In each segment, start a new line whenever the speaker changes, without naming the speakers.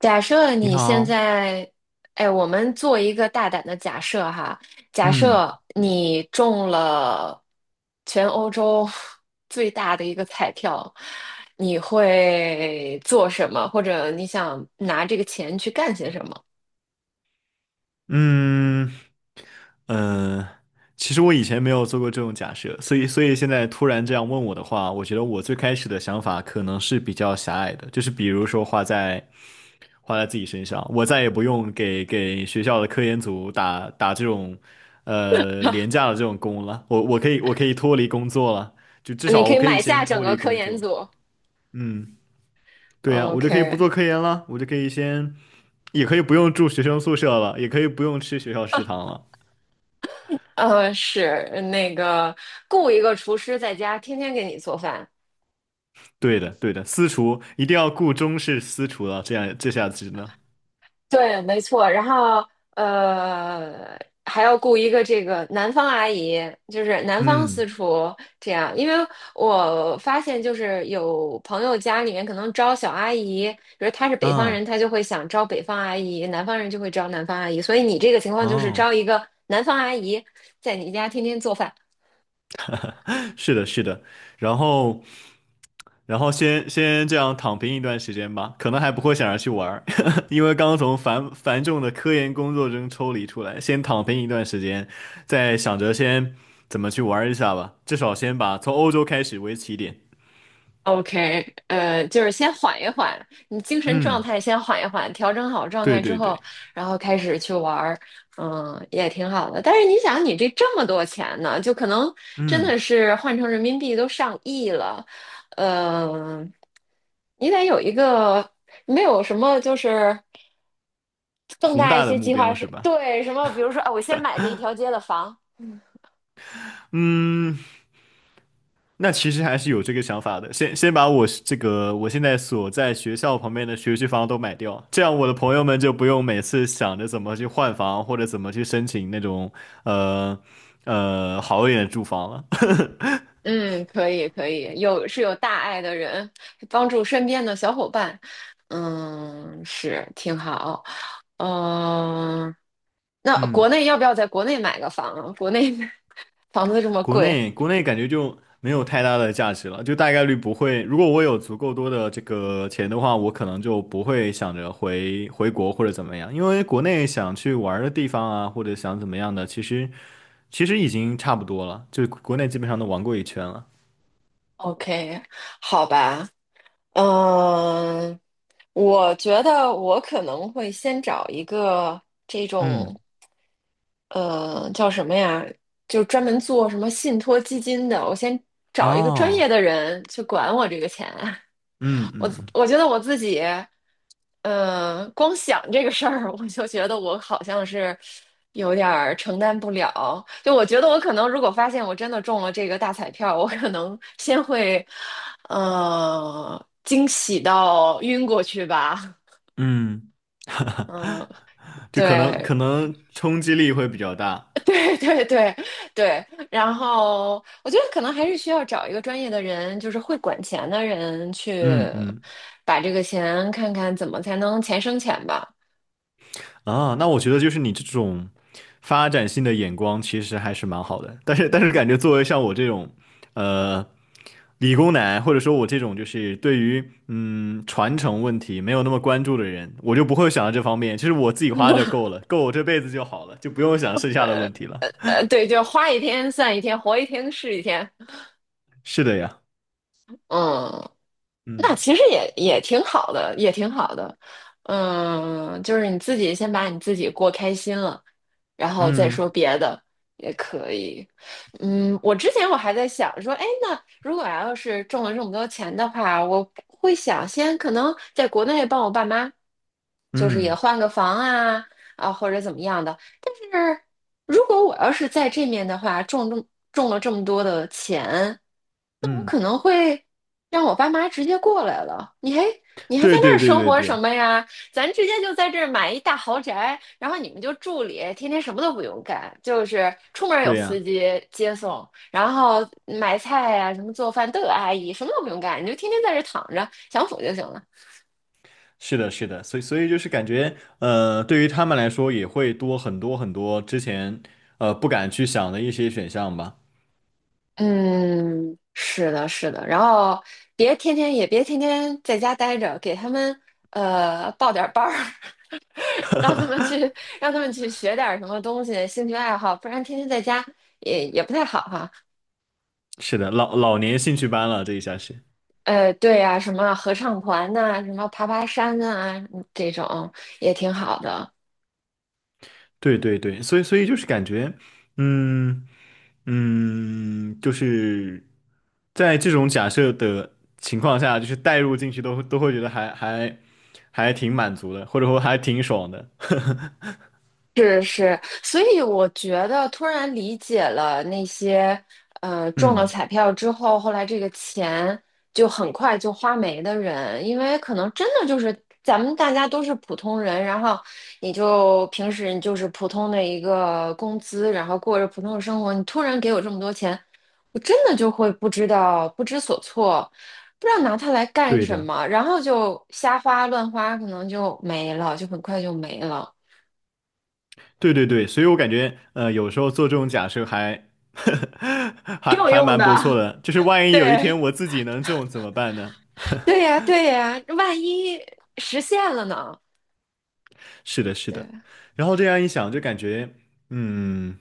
假设
你
你现
好。
在，哎，我们做一个大胆的假设哈，假
嗯
设你中了全欧洲 最大的一个彩票，你会做什么？或者你想拿这个钱去干些什么？
嗯呃，其实我以前没有做过这种假设，所以现在突然这样问我的话，我觉得我最开始的想法可能是比较狭隘的，就是比如说花在自己身上，我再也不用给学校的科研组打这种廉价的这种工了，我可以我可以脱离工作了，就至
你
少
可
我
以
可以
买下
先
整
脱
个
离
科
工
研
作。
组。
嗯。对呀，我就可以不
OK，
做科研了，我就可以先，也可以不用住学生宿舍了，也可以不用吃学校食堂了。
是那个雇一个厨师在家天天给你做饭，
对的，对的，私厨一定要雇中式私厨了，这样这下子呢。
对，没错。然后呃，还要雇一个这个南方阿姨，就是南方私
嗯，
厨这样。因为我发现，就是有朋友家里面可能招小阿姨，比如他是北方人，
啊，
他就会想招北方阿姨；南方人就会招南方阿姨。所以你这个情况就是
哦。
招一个南方阿姨，在你家天天做饭。
是的，是的，然后，然后先这样躺平一段时间吧，可能还不会想着去玩儿。因为刚从繁重的科研工作中抽离出来，先躺平一段时间，再想着先怎么去玩儿一下吧，至少先把从欧洲开始为起点。
OK，就是先缓一缓，你精神状
嗯，
态先缓一缓，调整好状
对
态之
对对。
后，然后开始去玩儿，嗯，也挺好的。但是你想，你这么多钱呢，就可能真的
嗯，
是换成人民币都上亿了，嗯、你得有一个没有什么就是更
宏
大一
大的
些
目
计划
标
是，
是吧？
对，什么，比如说，啊，我先买这一条街的房，
嗯。那其实还是有这个想法的，先把我这个我现在所在学校旁边的学区房都买掉，这样我的朋友们就不用每次想着怎么去换房或者怎么去申请那种呃好一点的住房了。
嗯，可以可以，有是有大爱的人，帮助身边的小伙伴，嗯，是挺好。嗯、那国
嗯。
内要不要在国内买个房啊？国内 房子这么贵
国内感觉就没有太大的价值了，就大概率不会。如果我有足够多的这个钱的话，我可能就不会想着回国或者怎么样，因为国内想去玩儿的地方啊，或者想怎么样的，其实已经差不多了，就国内基本上都玩过一圈了。
，OK，好吧。嗯、我觉得我可能会先找一个这
嗯，
种，叫什么呀？就专门做什么信托基金的，我先找一个专业
哦，
的人去管我这个钱。
嗯
我
嗯
我觉得我自己，嗯，光想这个事儿，我就觉得我好像是有点儿承担不了。就我觉得我可能，如果发现我真的中了这个大彩票，我可能先会，惊喜到晕过去吧。
嗯。
嗯，
就可能可
对，
能冲击力会比较大。
对，对，对，对。然后我觉得可能还是需要找一个专业的人，就是会管钱的人去
嗯嗯。
把这个钱看看怎么才能钱生钱吧。
啊，那我觉得就是你这种发展性的眼光其实还是蛮好的，但是感觉作为像我这种，呃，理工男或者说我这种就是对于传承问题没有那么关注的人，我就不会想到这方面。其实我自己花就 够了，够我这辈子就好了，就不用想剩下的问题了。
对，就花一天算一天，活一天是一天。
是的呀，
嗯，那
嗯
其实也也挺好的，也挺好的。嗯，就是你自己先把你自己过开心了，然后再说
嗯
别的也可以。嗯，我之前我还在想说，哎，那如果要是中了这么多钱的话，我会想先可能在国内帮我爸妈，就是也
嗯
换个房啊或者怎么样的。但是如果我要是在这面的话，中了这么多的钱。我可
嗯，
能会让我爸妈直接过来了。你还你还在
对
那
对
儿
对
生
对
活什
对，
么呀？咱直接就在这儿买一大豪宅，然后你们就住里，天天什么都不用干，就是出门有
对
司
呀。
机接送，然后买菜呀、什么做饭都有阿姨，什么都不用干，你就天天在这儿躺着享福就行了。
是的，是的，所以就是感觉，对于他们来说也会多很多之前不敢去想的一些选项吧。
嗯，是的，是的，然后别天天在家待着，给他们报点儿班儿，让他们去让他们去学点儿什么东西，兴趣爱好，不然天天在家也也不太好哈、
是的，老年兴趣班了，这一下是。
对呀、什么合唱团呐、什么爬山啊，嗯这种也挺好的。
对对对，所以就是感觉，嗯嗯，就是在这种假设的情况下，就是带入进去都会觉得还挺满足的，或者说还挺爽的。
是是，所以我觉得突然理解了那些中了
嗯，
彩票之后，后来这个钱就很快就花没的人，因为可能真的就是咱们大家都是普通人，然后你就平时你就是普通的一个工资，然后过着普通的生活，你突然给我这么多钱，我真的就会不知道不知所措，不知道拿它来干
对
什
的。
么，然后就瞎花乱花，可能就没了，就很快就没了。
对对对，所以我感觉，有时候做这种假设还
挺有用
蛮不错
的，
的，就是万 一有一
对，
天我自己能中怎么办呢？
对呀，对呀，万一实现了呢？
是的，是的。
对，
然后这样一想，就感觉，嗯。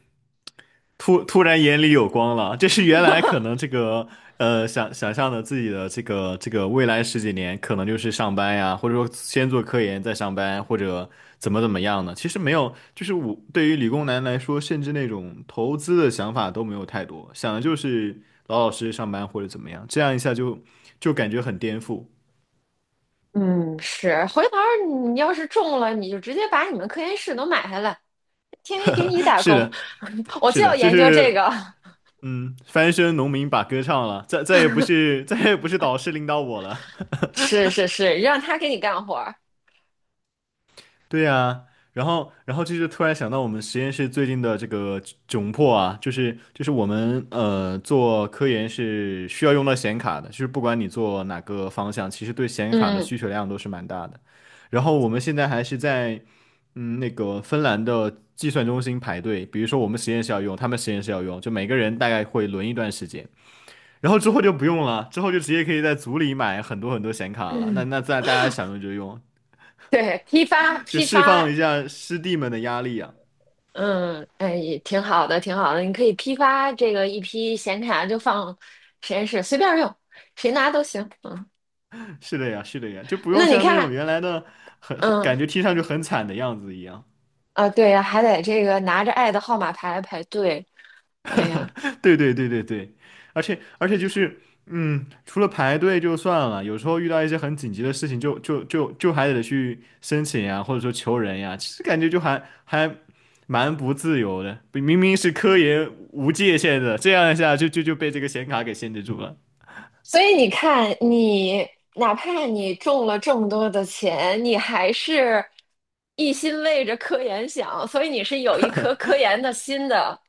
突然眼里有光了。这是原来可能这个想想象的自己的这个未来十几年可能就是上班呀，或者说先做科研再上班，或者怎么样呢？其实没有，就是我对于理工男来说，甚至那种投资的想法都没有太多，想的就是老老实实上班或者怎么样，这样一下就感觉很颠覆。
嗯，是。回头儿你要是中了，你就直接把你们科研室都买下来，天天给你打
是
工。
的，
我
是
就
的，
要
就
研究这
是
个，
嗯，翻身农民把歌唱了，再也不是导师领导我了。
是是是，让他给你干活儿
对呀，然后，然后就是突然想到我们实验室最近的这个窘迫啊，就是我们做科研是需要用到显卡的，就是不管你做哪个方向，其实对显卡的
嗯
需求量都是蛮大的。然后我们现在还是在那个芬兰的计算中心排队，比如说我们实验室要用，他们实验室要用，就每个人大概会轮一段时间，然后之后就不用了，之后就直接可以在组里买很多很多显卡了。那
嗯，
那在大家想用就用，
对，批发
就
批
释放
发，
一下师弟们的压力呀、
嗯，哎，也挺好的，挺好的。你可以批发这个一批显卡，就放实验室随便用，谁拿都行。嗯，
是的呀，是的呀，就不用
那你
像那
看，
种原来的很
嗯，
感觉听上去很惨的样子一样。
啊，对呀，还得这个拿着爱的号码牌来排队。哎呀，
对对对对对，而且就是，嗯，除了排队就算了，有时候遇到一些很紧急的事情就，就还得去申请呀，或者说求人呀，其实感觉就蛮不自由的。明明是科研无界限的，这样一下就被这个显卡给限制住了。
所以你看，你哪怕你中了这么多的钱，你还是一心为着科研想，所以你是有一颗科研的心的。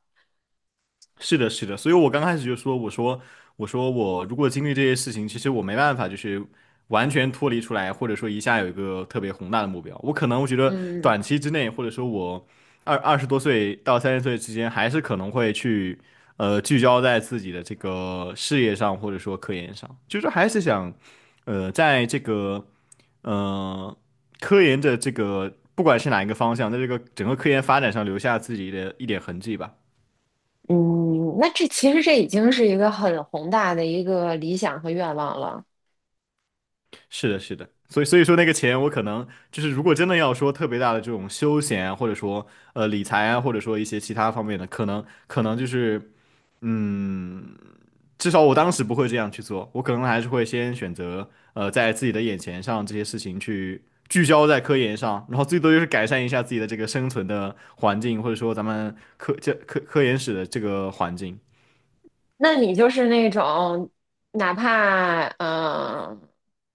是的，是的，所以我刚开始就说，我说，我说我如果经历这些事情，其实我没办法，就是完全脱离出来，或者说一下有一个特别宏大的目标，我可能我觉得
嗯
短期之内，或者说我二十多岁到三十岁之间，还是可能会去聚焦在自己的这个事业上，或者说科研上，就是还是想在这个呃科研的这个不管是哪一个方向，在这个整个科研发展上留下自己的一点痕迹吧。
嗯，那这其实这已经是一个很宏大的一个理想和愿望了。
是的，是的，所以说那个钱，我可能就是如果真的要说特别大的这种休闲啊，或者说理财啊，或者说一些其他方面的，可能就是嗯，至少我当时不会这样去做，我可能还是会先选择在自己的眼前上这些事情去聚焦在科研上，然后最多就是改善一下自己的这个生存的环境，或者说咱们这科研室的这个环境。
那你就是那种，哪怕嗯、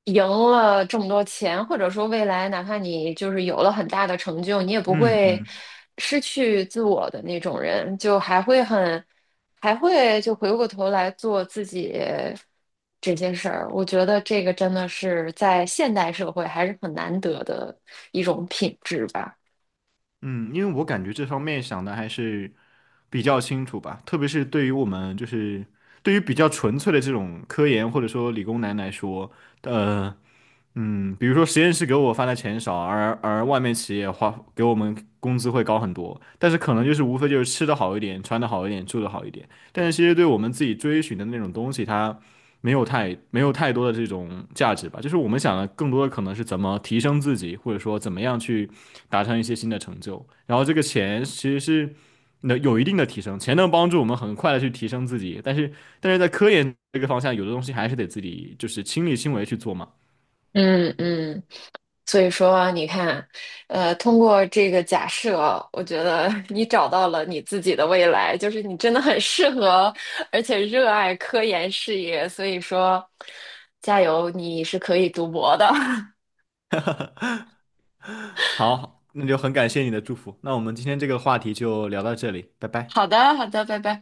赢了这么多钱，或者说未来哪怕你就是有了很大的成就，你也不
嗯
会
嗯。
失去自我的那种人，就还会很，还会就回过头来做自己这些事儿。我觉得这个真的是在现代社会还是很难得的一种品质吧。
嗯，因为我感觉这方面想的还是比较清楚吧，特别是对于我们就是对于比较纯粹的这种科研或者说理工男来说，呃，嗯比如说实验室给我发的钱少，而外面企业花给我们工资会高很多，但是可能就是无非就是吃的好一点，穿的好一点，住的好一点，但是其实对我们自己追寻的那种东西，它没有太没有太多的这种价值吧。就是我们想的更多的可能是怎么提升自己，或者说怎么样去达成一些新的成就。然后这个钱其实是能有一定的提升，钱能帮助我们很快的去提升自己，但是在科研这个方向，有的东西还是得自己就是亲力亲为去做嘛。
嗯嗯。所以说，你看，通过这个假设，我觉得 你找到了你自己的未来，就是你真的很适合，而且热爱科研事业。所以说，加油，你是可以读博的。
好，那就很感谢你的祝福。那我们今天这个话题就聊到这里，拜 拜。
好的，好的，拜拜。